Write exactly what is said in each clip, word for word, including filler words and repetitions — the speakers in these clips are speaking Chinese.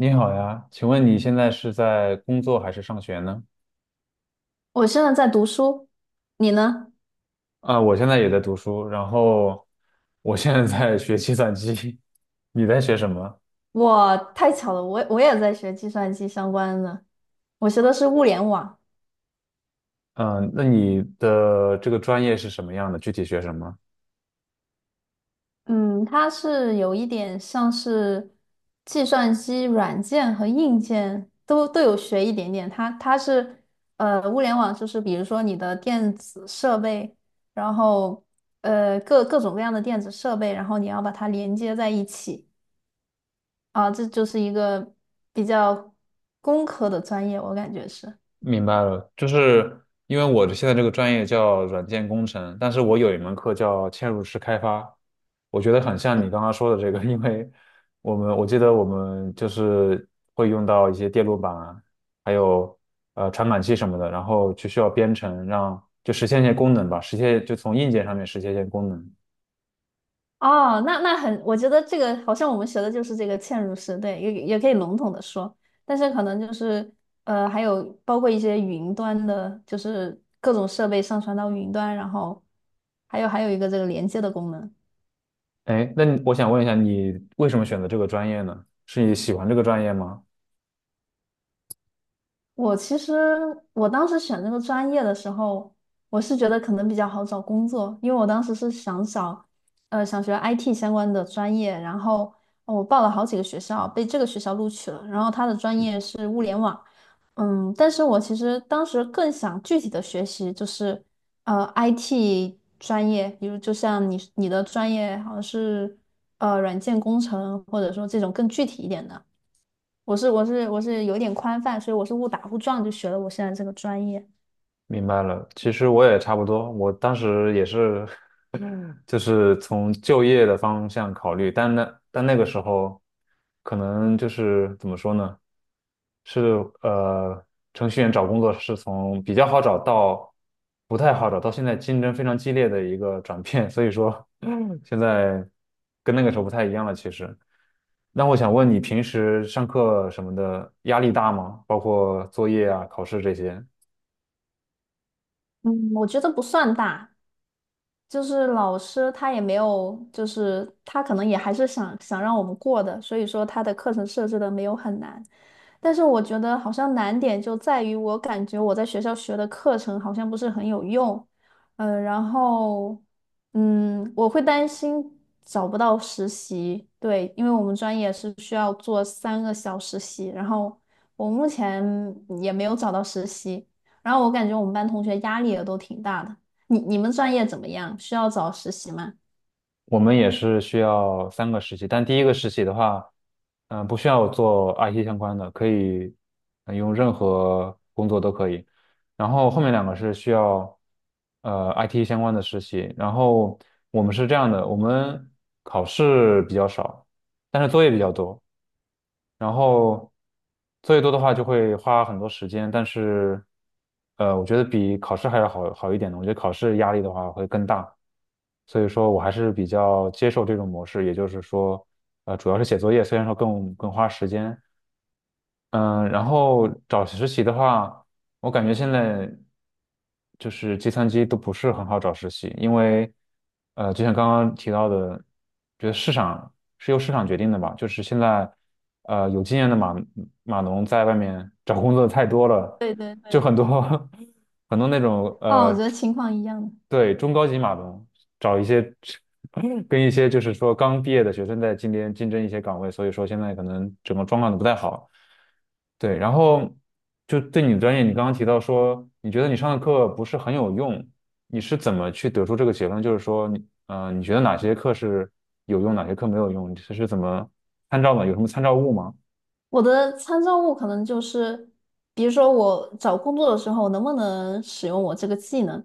你好呀，请问你现在是在工作还是上学呢？我现在在读书，你呢？啊，我现在也在读书，然后我现在在学计算机。你在学什么？我太巧了，我我也在学计算机相关的，我学的是物联网。嗯，那你的这个专业是什么样的？具体学什么？嗯，它是有一点像是计算机软件和硬件都都有学一点点。它它是呃，物联网就是比如说你的电子设备，然后呃各各种各样的电子设备，然后你要把它连接在一起啊，这就是一个比较工科的专业，我感觉是。明白了，就是因为我现在这个专业叫软件工程，但是我有一门课叫嵌入式开发，我觉得很像你刚刚说的这个。因为我们我记得我们就是会用到一些电路板啊，还有呃传感器什么的，然后就需要编程让就实现一些功能吧，实现就从硬件上面实现一些功能。哦，那那很，我觉得这个好像我们学的就是这个嵌入式，对，也也可以笼统的说，但是可能就是呃，还有包括一些云端的，就是各种设备上传到云端，然后还有还有一个这个连接的功能。哎，那你我想问一下，你为什么选择这个专业呢？是你喜欢这个专业吗？我其实我当时选这个专业的时候，我是觉得可能比较好找工作，因为我当时是想找，呃，想学 I T 相关的专业，然后呃我报了好几个学校，被这个学校录取了，然后他的专业是物联网，嗯，但是我其实当时更想具体的学习就是，呃，I T 专业，比如就像你你的专业好像是，呃，软件工程，或者说这种更具体一点的。我是我是我是有点宽泛，所以我是误打误撞就学了我现在这个专业。明白了，其实我也差不多，我当时也是。就是从就业的方向考虑，但那但那个时候，可能就是怎么说呢，是呃，程序员找工作是从比较好找到不太好找到现在竞争非常激烈的一个转变，所以说嗯 现在跟那个时候不太一样了，其实。那我想问你，平时上课什么的压力大吗？包括作业啊、考试这些。嗯，我觉得不算大，就是老师他也没有，就是他可能也还是想想让我们过的，所以说他的课程设置的没有很难。但是我觉得好像难点就在于我感觉我在学校学的课程好像不是很有用，嗯、然后嗯，我会担心找不到实习，对，因为我们专业是需要做三个小实习，然后我目前也没有找到实习，然后我感觉我们班同学压力也都挺大的。你你们专业怎么样？需要找实习吗？我们也是需要三个实习，但第一个实习的话，嗯、不需要做 I T 相关的，可以呃用任何工作都可以。然后后面两个是需要呃 I T 相关的实习。然后我们是这样的，我们考试比较少，但是作业比较多。然后作业多的话就会花很多时间，但是呃，我觉得比考试还要好好一点的。我觉得考试压力的话会更大，所以说我还是比较接受这种模式，也就是说，呃，主要是写作业，虽然说更更花时间。嗯，然后找实习的话，我感觉现在就是计算机都不是很好找实习。因为呃，就像刚刚提到的，觉得市场是由市场决定的吧，就是现在呃有经验的码码农在外面找工作的太多了，对对就对，很多 很多那种哦，我觉呃，得情况一样的。对，中高级码农找一些 跟一些就是说刚毕业的学生在竞争竞争一些岗位，所以说现在可能整个状况都不太好。对，然后就对你的专业，你刚刚提到说，你觉得你上的课不是很有用，你是怎么去得出这个结论？就是说你，呃，你觉得哪些课是有用，哪些课没有用？你这是怎么参照的？有什么参照物吗？我的参照物可能就是，比如说我找工作的时候能不能使用我这个技能，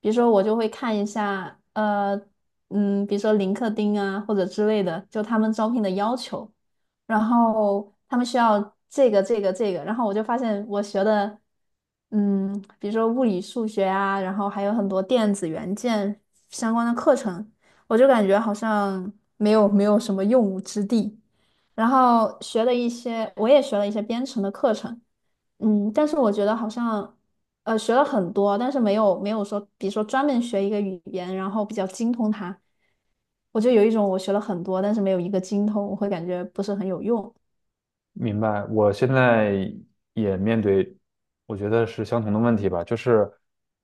比如说我就会看一下，呃，嗯，比如说林克丁啊或者之类的，就他们招聘的要求，然后他们需要这个这个这个，然后我就发现我学的，嗯，比如说物理数学啊，然后还有很多电子元件相关的课程，我就感觉好像没有没有什么用武之地。然后学了一些，我也学了一些编程的课程，嗯，但是我觉得好像，呃，学了很多，但是没有没有说，比如说专门学一个语言，然后比较精通它，我就有一种我学了很多，但是没有一个精通，我会感觉不是很有用。明白，我现在也面对，我觉得是相同的问题吧，就是，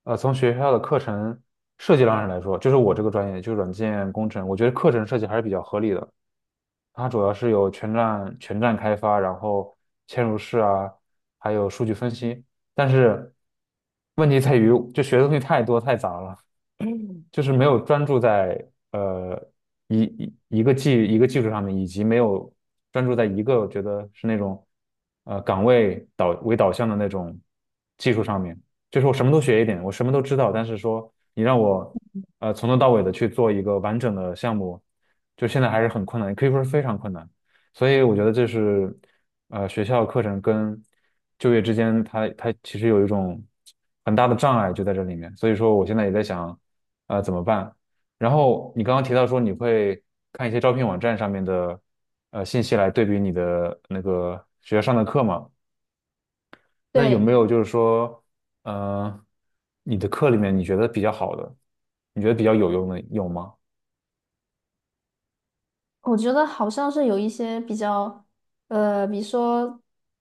呃，从学校的课程设计上来说，就是我这个专业就是软件工程，我觉得课程设计还是比较合理的。它主要是有全站全站开发，然后嵌入式啊，还有数据分析。但是问题在于，就学的东西太多太杂了。就是没有专注在呃一一一个技一个技术上面，以及没有专注在一个我觉得是那种呃岗位导为导向的那种技术上面。就是我什么都学一点，我什么都知道，但是说你让我呃从头到尾的去做一个完整的项目。就现在还是很困难，可以说是非常困难。所以我觉得这是呃学校课程跟就业之间它，它其实有一种很大的障碍就在这里面。所以说我现在也在想，呃怎么办？然后你刚刚提到说你会看一些招聘网站上面的呃信息来对比你的那个学校上的课嘛？那有没对，有就是说，呃，你的课里面你觉得比较好的，你觉得比较有用的有吗？我觉得好像是有一些比较，呃，比如说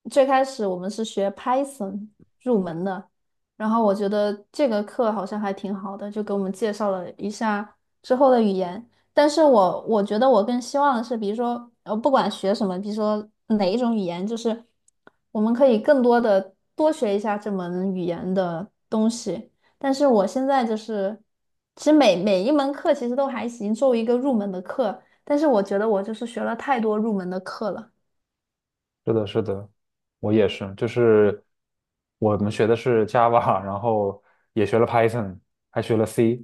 最开始我们是学 Python 入门的，然后我觉得这个课好像还挺好的，就给我们介绍了一下之后的语言。但是我我觉得我更希望的是，比如说呃，不管学什么，比如说哪一种语言，就是我们可以更多的多学一下这门语言的东西。但是我现在就是，其实每每一门课其实都还行，作为一个入门的课。但是我觉得我就是学了太多入门的课了。是的，是的，我也是，就是我们学的是 Java,然后也学了 Python,还学了 C,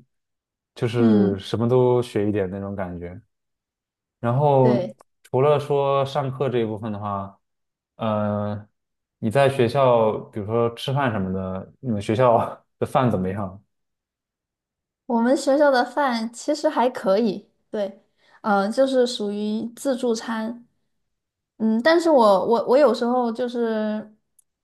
就是嗯什么都学一点那种感觉。然后对，除了说上课这一部分的话，呃，你在学校，比如说吃饭什么的，你们学校 的饭怎么样？我们学校的饭其实还可以，对，呃，就是属于自助餐，嗯，但是我我我有时候就是，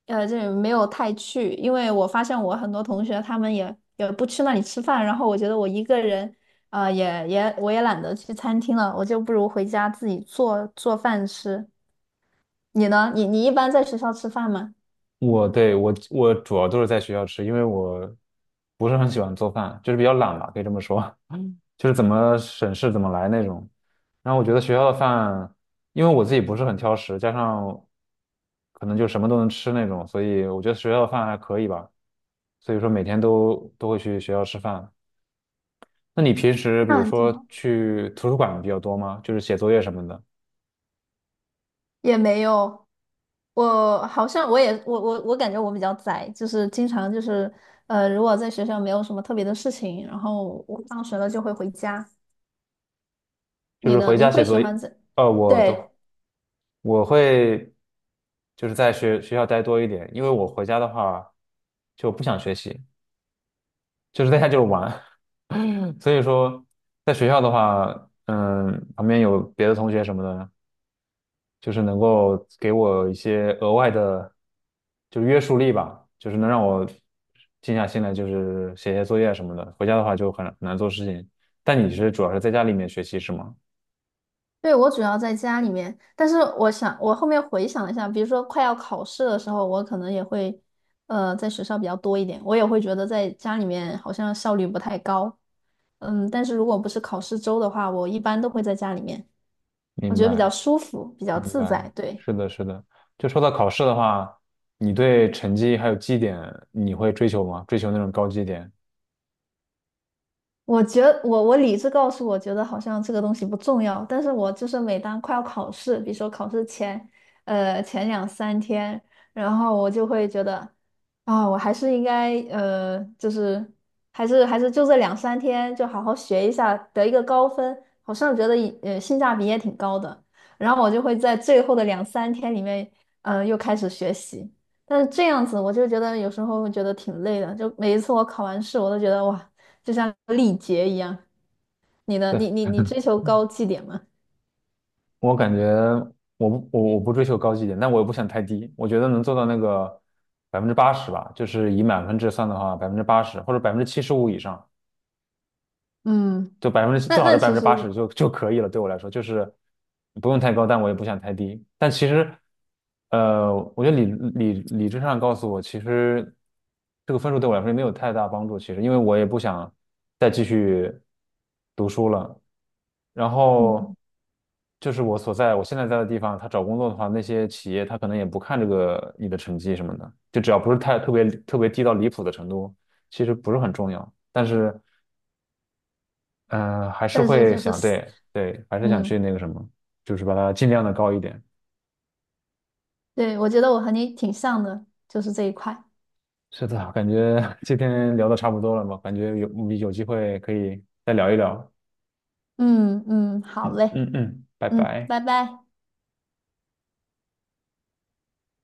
呃，这没有太去，因为我发现我很多同学他们也也不去那里吃饭，然后我觉得我一个人，呃，也也我也懒得去餐厅了，我就不如回家自己做做饭吃。你呢？你你一般在学校吃饭吗？我对我我主要都是在学校吃，因为我不是很喜欢做饭，就是比较懒吧，可以这么说。就是怎么省事怎么来那种。然后我觉得学校的饭，因为我自己不是很挑食，加上可能就什么都能吃那种，所以我觉得学校的饭还可以吧。所以说每天都都会去学校吃饭。那你平时比如那挺说好。去图书馆比较多吗？就是写作业什么的。也没有，我好像我也我我我感觉我比较宅，就是经常就是呃，如果在学校没有什么特别的事情，然后我放学了就会回家。就你是呢？回你家会写喜作业，欢在？呃，我都对我会就是在学学校待多一点，因为我回家的话就不想学习，就是在家就是玩。所以说在学校的话，嗯，旁边有别的同学什么的，就是能够给我一些额外的就约束力吧，就是能让我静下心来，就是写写作业什么的。回家的话就很很难做事情，但你是主要是在家里面学习是吗？对，我主要在家里面，但是我想我后面回想了一下，比如说快要考试的时候，我可能也会呃在学校比较多一点，我也会觉得在家里面好像效率不太高。嗯，但是如果不是考试周的话，我一般都会在家里面，我明觉得比较白。舒服，比较明自白，在，对。是的，是的。就说到考试的话，你对成绩还有绩点，你会追求吗？追求那种高绩点？我觉得我我理智告诉我觉得好像这个东西不重要，但是我就是每当快要考试，比如说考试前，呃前两三天，然后我就会觉得，啊、我还是应该呃就是还是还是就这两三天就好好学一下，得一个高分，好像觉得也呃性价比也挺高的，然后我就会在最后的两三天里面，嗯又开始学习。但是这样子，我就觉得有时候会觉得挺累的。就每一次我考完试，我都觉得哇，就像历劫一样。你 的对，你你你追求高绩点吗？我感觉我不我我不追求高绩点，但我也不想太低。我觉得能做到那个百分之八十吧，就是以满分制算的话，百分之八十或者百分之七十五以上，嗯，就百分之那最好是那百分其之实八十也，就就可以了，对我来说就是不用太高，但我也不想太低。但其实，呃，我觉得理理理智上告诉我，其实这个分数对我来说也没有太大帮助。其实，因为我也不想再继续读书了。然后嗯，就是我所在我现在在的地方，他找工作的话，那些企业他可能也不看这个你的成绩什么的，就只要不是太特别特别低到离谱的程度，其实不是很重要。但是呃，还是但是会就是想，死对对，还是想去嗯，那个什么，就是把它尽量的高一点。对，我觉得我和你挺像的，就是这一块。是的，感觉 今天聊的差不多了嘛，感觉有有机会可以再聊一聊。嗯嗯，好嗯嘞，嗯嗯，拜嗯，拜。拜拜。